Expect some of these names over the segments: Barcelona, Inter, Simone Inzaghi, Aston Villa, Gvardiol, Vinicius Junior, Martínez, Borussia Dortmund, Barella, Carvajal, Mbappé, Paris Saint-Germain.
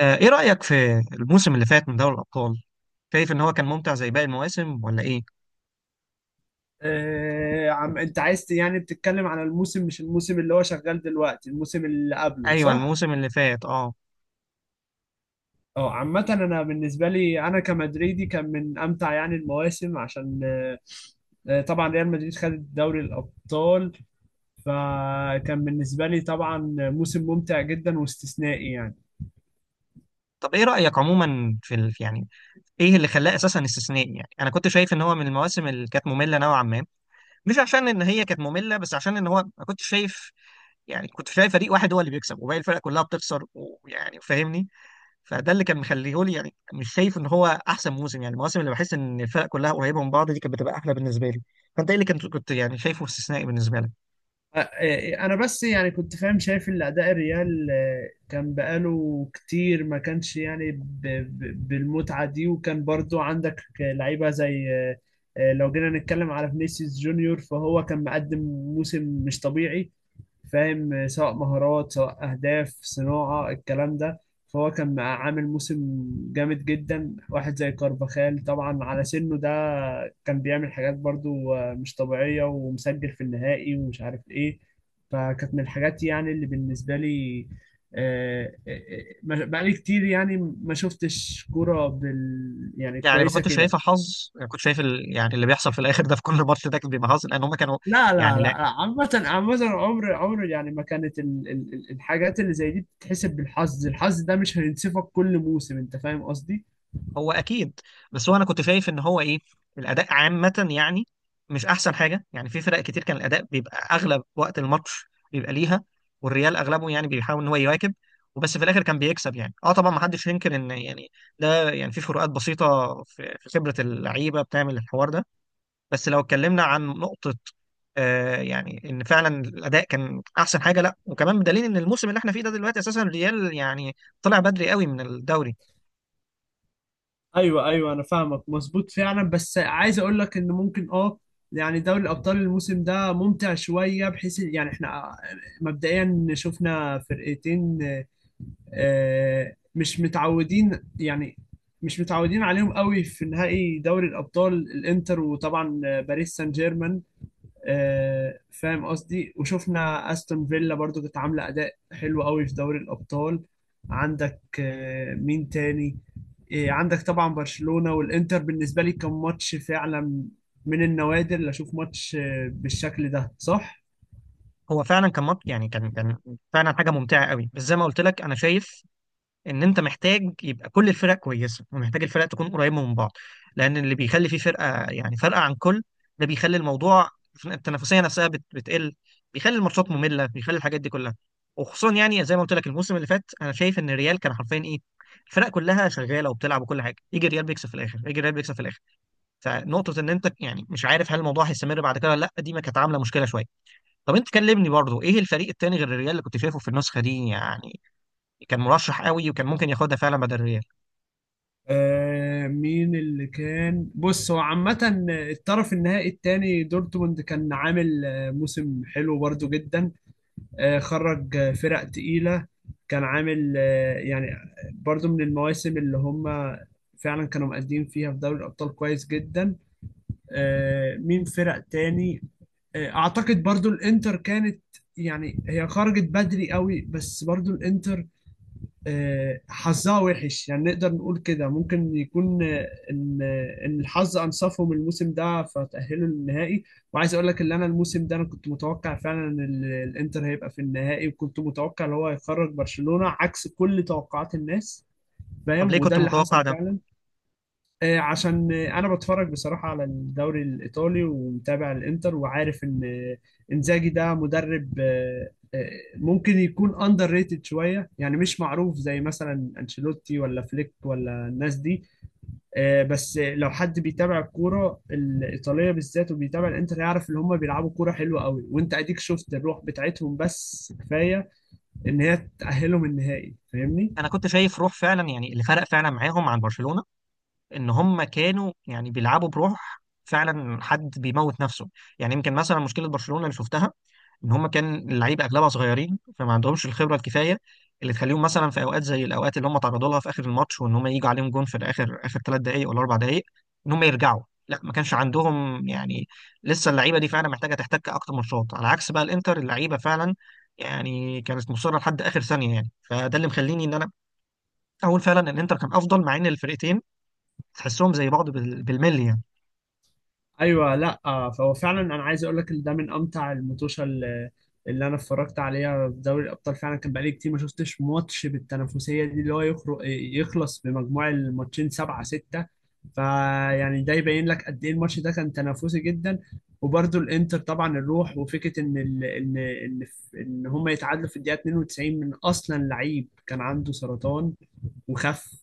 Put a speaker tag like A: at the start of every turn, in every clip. A: ايه رأيك في الموسم اللي فات من دوري الأبطال؟ شايف ان هو كان ممتع زي باقي المواسم ولا ايه؟
B: عم انت عايز بتتكلم على الموسم، مش الموسم اللي هو شغال دلوقتي، الموسم اللي قبله
A: ايوه،
B: صح؟
A: الموسم اللي فات اه
B: اه، عامة انا بالنسبة لي انا كمدريدي كان من امتع يعني المواسم عشان طبعا ريال مدريد خد دوري الابطال، فكان بالنسبة لي طبعا موسم ممتع جدا واستثنائي يعني.
A: طب، ايه رأيك عموما يعني ايه اللي خلاه اساسا استثنائي؟ يعني انا كنت شايف ان هو من المواسم اللي كانت مملة نوعا ما، مش عشان ان هي كانت مملة، بس عشان ان هو ما كنتش شايف. يعني كنت شايف فريق واحد هو اللي بيكسب وباقي الفرق كلها بتخسر، ويعني فاهمني، فده اللي كان مخليه لي يعني مش شايف ان هو احسن موسم. يعني المواسم اللي بحس ان الفرق كلها قريبة من بعض دي كانت بتبقى احلى بالنسبة لي. فانت ايه اللي كنت يعني شايفه استثنائي بالنسبة لك؟
B: انا بس يعني كنت فاهم شايف ان اداء الريال كان بقاله كتير ما كانش يعني بالمتعه دي، وكان برضو عندك لعيبه زي لو جينا نتكلم على فينيسيوس جونيور فهو كان مقدم موسم مش طبيعي، فاهم؟ سواء مهارات سواء أهداف صناعة الكلام ده. فهو كان عامل موسم جامد جدا. واحد زي كارفاخال طبعا على سنه ده كان بيعمل حاجات برضو مش طبيعية، ومسجل في النهائي ومش عارف إيه. فكانت من الحاجات يعني اللي بالنسبة لي آه، آه، بقالي كتير يعني ما شفتش كورة بال يعني
A: يعني ما
B: كويسة
A: كنتش
B: كده.
A: شايفها حظ، يعني كنت يعني اللي بيحصل في الاخر ده في كل ماتش ده كان بيبقى حظ، لان هم كانوا
B: لا
A: يعني.
B: لا لا،
A: لا،
B: عامة عامة، عمر عمر يعني ما كانت الحاجات اللي زي دي بتتحسب بالحظ. الحظ ده مش هينصفك كل موسم، انت فاهم قصدي.
A: هو اكيد، بس هو انا كنت شايف ان هو ايه، الاداء عامه يعني مش احسن حاجه. يعني في فرق كتير كان الاداء بيبقى اغلب وقت الماتش بيبقى ليها، والريال اغلبه يعني بيحاول ان هو يواكب، وبس في الاخر كان بيكسب يعني طبعا، ما حدش ينكر ان يعني ده يعني في فروقات بسيطه في خبره اللعيبه بتعمل الحوار ده. بس لو اتكلمنا عن نقطة يعني ان فعلا الاداء كان احسن حاجة، لا. وكمان بدليل ان الموسم اللي احنا فيه ده دلوقتي اساسا الريال يعني طلع بدري قوي من الدوري.
B: ايوه ايوه، انا فاهمك مظبوط فعلا، بس عايز اقول لك ان ممكن اه يعني دوري الابطال الموسم ده ممتع شوية، بحيث يعني احنا مبدئيا شفنا فرقتين مش متعودين يعني مش متعودين عليهم قوي في نهائي دوري الابطال: الانتر وطبعا باريس سان جيرمان. فاهم قصدي؟ وشفنا استون فيلا برضو كانت عامله اداء حلو قوي في دوري الابطال. عندك مين تاني؟ عندك طبعا برشلونه والانتر، بالنسبه لي كان ماتش فعلا من النوادر اللي اشوف ماتش بالشكل ده، صح؟
A: هو فعلا كان مط يعني كان كان فعلا حاجة ممتعة قوي. بس زي ما قلت لك، انا شايف ان انت محتاج يبقى كل الفرق كويسه، ومحتاج الفرق تكون قريبه من بعض. لان اللي بيخلي فيه فرقه، يعني فرقه عن كل، ده بيخلي الموضوع، التنافسيه نفسها بتقل، بيخلي الماتشات ممله، بيخلي الحاجات دي كلها. وخصوصا يعني زي ما قلت لك، الموسم اللي فات انا شايف ان الريال كان حرفيا ايه، الفرق كلها شغاله وبتلعب وكل حاجه، يجي الريال بيكسب في الاخر، يجي الريال بيكسب في الاخر. فنقطه ان انت يعني مش عارف هل الموضوع هيستمر بعد كده ولا لا، دي ما كانت عامله مشكله شويه. طب انت كلمني برضو، ايه الفريق التاني غير الريال اللي كنت شايفه في النسخه دي، يعني كان مرشح قوي وكان ممكن ياخدها فعلا بدل الريال؟
B: آه، مين اللي كان؟ بص هو عامة الطرف النهائي التاني دورتموند كان عامل موسم حلو برضو جدا، خرج فرق تقيلة. كان عامل يعني برضو من المواسم اللي هم فعلا كانوا مقدمين فيها في دوري الأبطال كويس جدا. مين فرق تاني؟ أعتقد برضو الإنتر كانت يعني هي خرجت بدري قوي، بس برضو الإنتر حظها وحش يعني، نقدر نقول كده ممكن يكون ان الحظ انصفهم الموسم ده فتأهلوا للنهائي. وعايز اقول لك ان انا الموسم ده انا كنت متوقع فعلا ان الانتر هيبقى في النهائي، وكنت متوقع ان هو هيخرج برشلونة عكس كل توقعات الناس،
A: طب
B: فاهم؟
A: ليه
B: وده
A: كنت
B: اللي حصل
A: متوقع ده؟
B: فعلا. عشان انا بتفرج بصراحه على الدوري الايطالي ومتابع الانتر وعارف ان انزاجي ده مدرب ممكن يكون اندر ريتد شويه يعني، مش معروف زي مثلا انشيلوتي ولا فليك ولا الناس دي. بس لو حد بيتابع الكوره الايطاليه بالذات وبيتابع الانتر يعرف ان هم بيلعبوا كوره حلوه قوي، وانت اديك شفت الروح بتاعتهم، بس كفايه ان هي تاهلهم النهائي، فاهمني؟
A: انا كنت شايف روح فعلا، يعني اللي فرق فعلا معاهم عن برشلونة ان هم كانوا يعني بيلعبوا بروح، فعلا حد بيموت نفسه. يعني يمكن مثلا مشكلة برشلونة اللي شفتها ان هم كان اللعيبه اغلبها صغيرين، فما عندهمش الخبره الكفايه اللي تخليهم مثلا في اوقات زي الاوقات اللي هم تعرضوا لها في اخر الماتش، وان هم يجوا عليهم جون في الاخر اخر 3 دقائق ولا 4 دقائق، ان هم يرجعوا. لا، ما كانش عندهم يعني. لسه اللعيبه دي فعلا محتاجه تحتك اكتر ماتشات، على عكس بقى الانتر، اللعيبه فعلا يعني كانت مصره لحد اخر ثانيه. يعني فده اللي مخليني ان انا اقول فعلا ان الانتر كان افضل، مع ان الفرقتين تحسهم زي بعض بالملي يعني.
B: ايوه لا فهو فعلا انا عايز اقول لك ان ده من امتع اللي انا اتفرجت عليها في دوري الابطال. فعلا كان بقالي كتير ما شفتش ماتش بالتنافسيه دي، اللي هو يخرج يخلص بمجموع الماتشين سبعة ستة. فيعني ده يبين لك قد ايه الماتش ده كان تنافسي جدا. وبرده الانتر طبعا الروح، وفكره ان ال... ان ان ان هم يتعادلوا في الدقيقه 92 من اصلا لعيب كان عنده سرطان وخف،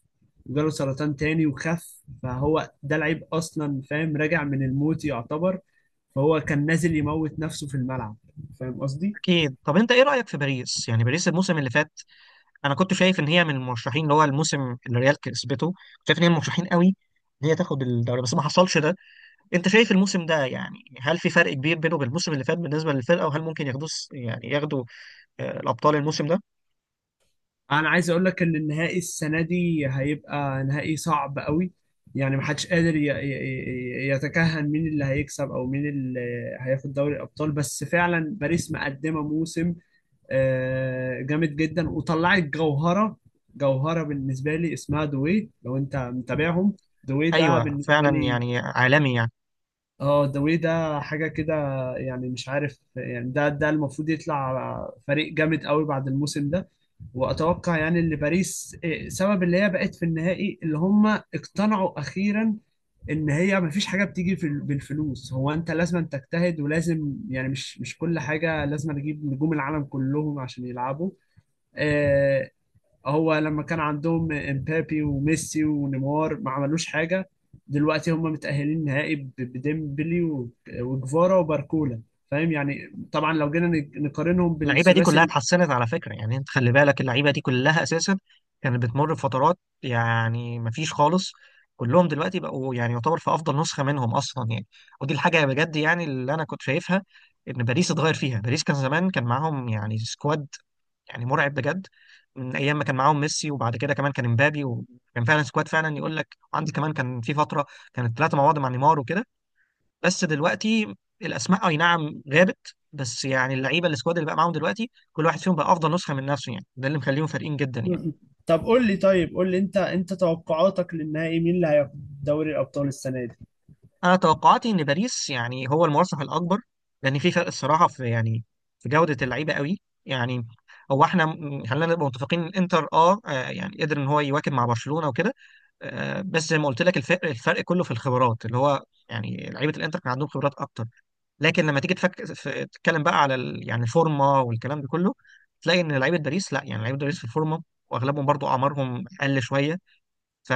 B: وجاله سرطان تاني وخف، فهو ده العيب اصلا، فاهم؟ راجع من الموت يعتبر. فهو كان نازل يموت نفسه في الملعب، فاهم قصدي؟
A: اكيد. طب انت ايه رايك في باريس، يعني باريس الموسم اللي فات انا كنت شايف ان هي من المرشحين، اللي هو الموسم اللي ريال كسبته، كنت شايف ان هي من المرشحين قوي ان هي تاخد الدوري، بس ما حصلش ده. انت شايف الموسم ده، يعني هل في فرق كبير بينه وبين الموسم اللي فات بالنسبه للفرقه، وهل ممكن ياخدوه يعني ياخدوا الابطال الموسم ده؟
B: انا عايز اقول لك ان النهائي السنه دي هيبقى نهائي صعب قوي، يعني محدش قادر يتكهن مين اللي هيكسب او مين اللي هياخد دوري الابطال. بس فعلا باريس مقدمه موسم جامد جدا، وطلعت جوهرة، جوهرة بالنسبة لي اسمها دوي لو انت متابعهم. دوي ده
A: ايوه
B: بالنسبة
A: فعلا،
B: لي
A: يعني عالمي يعني.
B: اه، دوي ده حاجة كده يعني، مش عارف يعني ده ده المفروض يطلع فريق جامد قوي بعد الموسم ده. واتوقع يعني ان باريس سبب اللي هي بقت في النهائي اللي هم اقتنعوا اخيرا ان هي ما فيش حاجه بالفلوس، هو انت لازم تجتهد ولازم يعني مش مش كل حاجه لازم تجيب نجوم العالم كلهم عشان يلعبوا. آه، هو لما كان عندهم امبابي وميسي ونيمار ما عملوش حاجة، دلوقتي هم متأهلين نهائي بديمبلي وجفارا وباركولا، فاهم يعني؟ طبعا لو جينا نقارنهم
A: اللعيبه دي
B: بالثلاثي
A: كلها اتحسنت على فكره، يعني انت خلي بالك اللعيبه دي كلها اساسا كانت بتمر بفترات، يعني مفيش خالص. كلهم دلوقتي بقوا يعني يعتبر في افضل نسخه منهم اصلا يعني. ودي الحاجه بجد يعني اللي انا كنت شايفها، ان باريس اتغير فيها. باريس كان زمان، كان معاهم يعني سكواد يعني مرعب بجد، من ايام ما كان معاهم ميسي، وبعد كده كمان كان امبابي، وكان فعلا سكواد فعلا يقول لك عندي، كمان كان في فتره كانت ثلاثه مع بعض مع نيمار وكده. بس دلوقتي الاسماء اي نعم غابت، بس يعني اللعيبه، السكواد اللي بقى معاهم دلوقتي، كل واحد فيهم بقى افضل نسخه من نفسه، يعني ده اللي مخليهم فارقين جدا يعني.
B: طب قول لي، طيب قول لي انت انت توقعاتك للنهائي مين اللي هياخد دوري الأبطال السنة دي؟
A: انا توقعاتي ان باريس يعني هو المرشح الاكبر، لان في فرق الصراحه، في يعني في جوده اللعيبه قوي يعني. هو احنا خلينا نبقى متفقين إن انتر يعني قدر ان هو يواكب مع برشلونه وكده. بس زي ما قلت لك، الفرق كله في الخبرات اللي هو يعني لعيبه الانتر كان عندهم خبرات اكتر، لكن لما تيجي تتكلم بقى على يعني الفورمه والكلام ده كله، تلاقي ان لعيبه باريس، لا، يعني لعيبه باريس في الفورمه، واغلبهم برضو اعمارهم اقل شويه. ف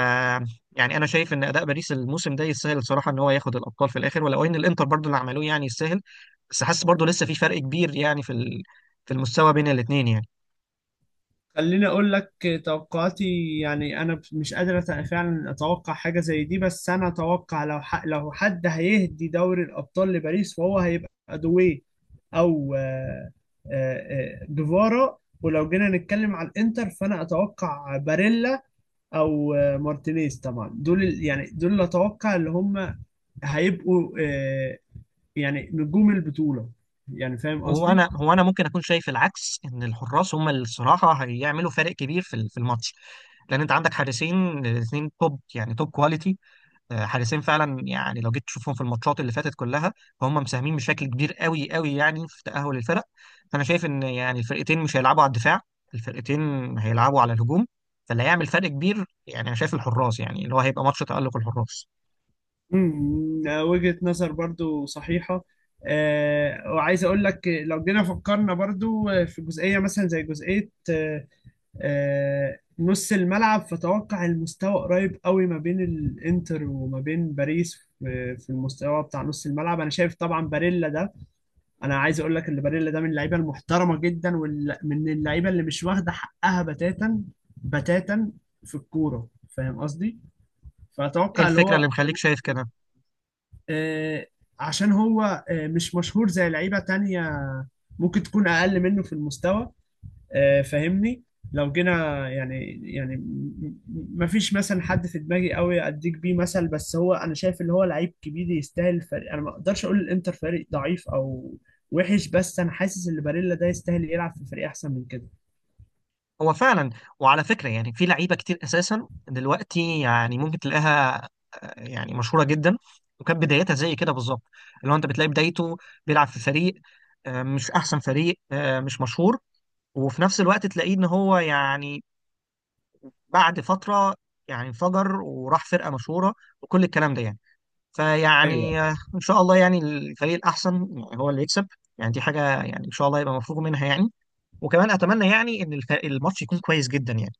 A: يعني انا شايف ان اداء باريس الموسم ده يستاهل الصراحه ان هو ياخد الابطال في الاخر، ولو ان الانتر برضو اللي عملوه يعني يستاهل. بس حاسس برضو لسه في فرق كبير يعني في المستوى بين الاثنين يعني.
B: خليني اقول لك توقعاتي، يعني انا مش قادر فعلا اتوقع حاجه زي دي، بس انا اتوقع لو لو حد هيهدي دوري الابطال لباريس فهو هيبقى دوي او آه، جيفارا. ولو جينا نتكلم على الانتر فانا اتوقع باريلا او مارتينيز. طبعا دول يعني دول اللي اتوقع اللي هم هيبقوا يعني نجوم البطوله، يعني فاهم
A: هو
B: قصدي؟
A: انا هو انا ممكن اكون شايف العكس، ان الحراس هم اللي الصراحه هيعملوا فارق كبير في الماتش، لان انت عندك حارسين الاثنين توب، يعني توب كواليتي. حارسين فعلا، يعني لو جيت تشوفهم في الماتشات اللي فاتت كلها، فهم مساهمين بشكل كبير قوي قوي يعني في تأهل الفرق. فانا شايف ان يعني الفرقتين مش هيلعبوا على الدفاع، الفرقتين هيلعبوا على الهجوم. فاللي هيعمل فرق كبير يعني انا شايف الحراس، يعني اللي هو هيبقى ماتش تألق الحراس.
B: مم، وجهة نظر برضو صحيحة. وعايز أقول لك لو جينا فكرنا برضو في جزئية، مثلا زي جزئية نص الملعب، فتوقع المستوى قريب قوي ما بين الإنتر وما بين باريس في في المستوى بتاع نص الملعب. أنا شايف طبعا باريلا ده، أنا عايز أقول لك إن باريلا ده من اللعيبة المحترمة جدا، ومن اللعيبة اللي مش واخدة حقها بتاتا بتاتا في الكورة، فاهم قصدي؟
A: ايه
B: فأتوقع اللي
A: الفكرة اللي
B: هو
A: مخليك شايف كده؟
B: آه، عشان هو مش مشهور زي لعيبة تانية ممكن تكون أقل منه في المستوى، فاهمني؟ لو جينا يعني يعني مفيش مثلا حد في دماغي قوي أديك بيه مثل، بس هو أنا شايف اللي هو لعيب كبير يستاهل فريق، أنا ما أقدرش أقول الإنتر فريق ضعيف أو وحش، بس أنا حاسس إن باريلا ده يستاهل يلعب في فريق أحسن من كده.
A: هو فعلا. وعلى فكرة، يعني في لعيبة كتير اساسا دلوقتي يعني ممكن تلاقيها يعني مشهورة جدا، وكانت بدايتها زي كده بالظبط. اللي هو انت بتلاقي بدايته بيلعب في فريق مش احسن فريق، مش مشهور، وفي نفس الوقت تلاقيه ان هو يعني بعد فتره يعني انفجر وراح فرقه مشهوره وكل الكلام ده يعني.
B: ايوه
A: فيعني ان شاء الله يعني الفريق الاحسن يعني هو اللي يكسب. يعني دي حاجه يعني ان شاء الله يبقى مفروغ منها يعني. وكمان اتمنى يعني ان الماتش يكون كويس جدا يعني.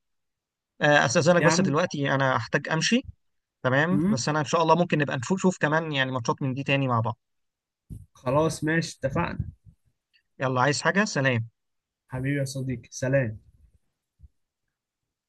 A: استاذنك
B: يا
A: بس
B: عم.
A: دلوقتي انا هحتاج امشي. تمام،
B: مم.
A: بس انا ان شاء الله ممكن نبقى نشوف كمان يعني ماتشات من دي تاني مع بعض.
B: خلاص ماشي اتفقنا.
A: يلا، عايز حاجه؟ سلام.
B: حبيبي يا صديقي، سلام.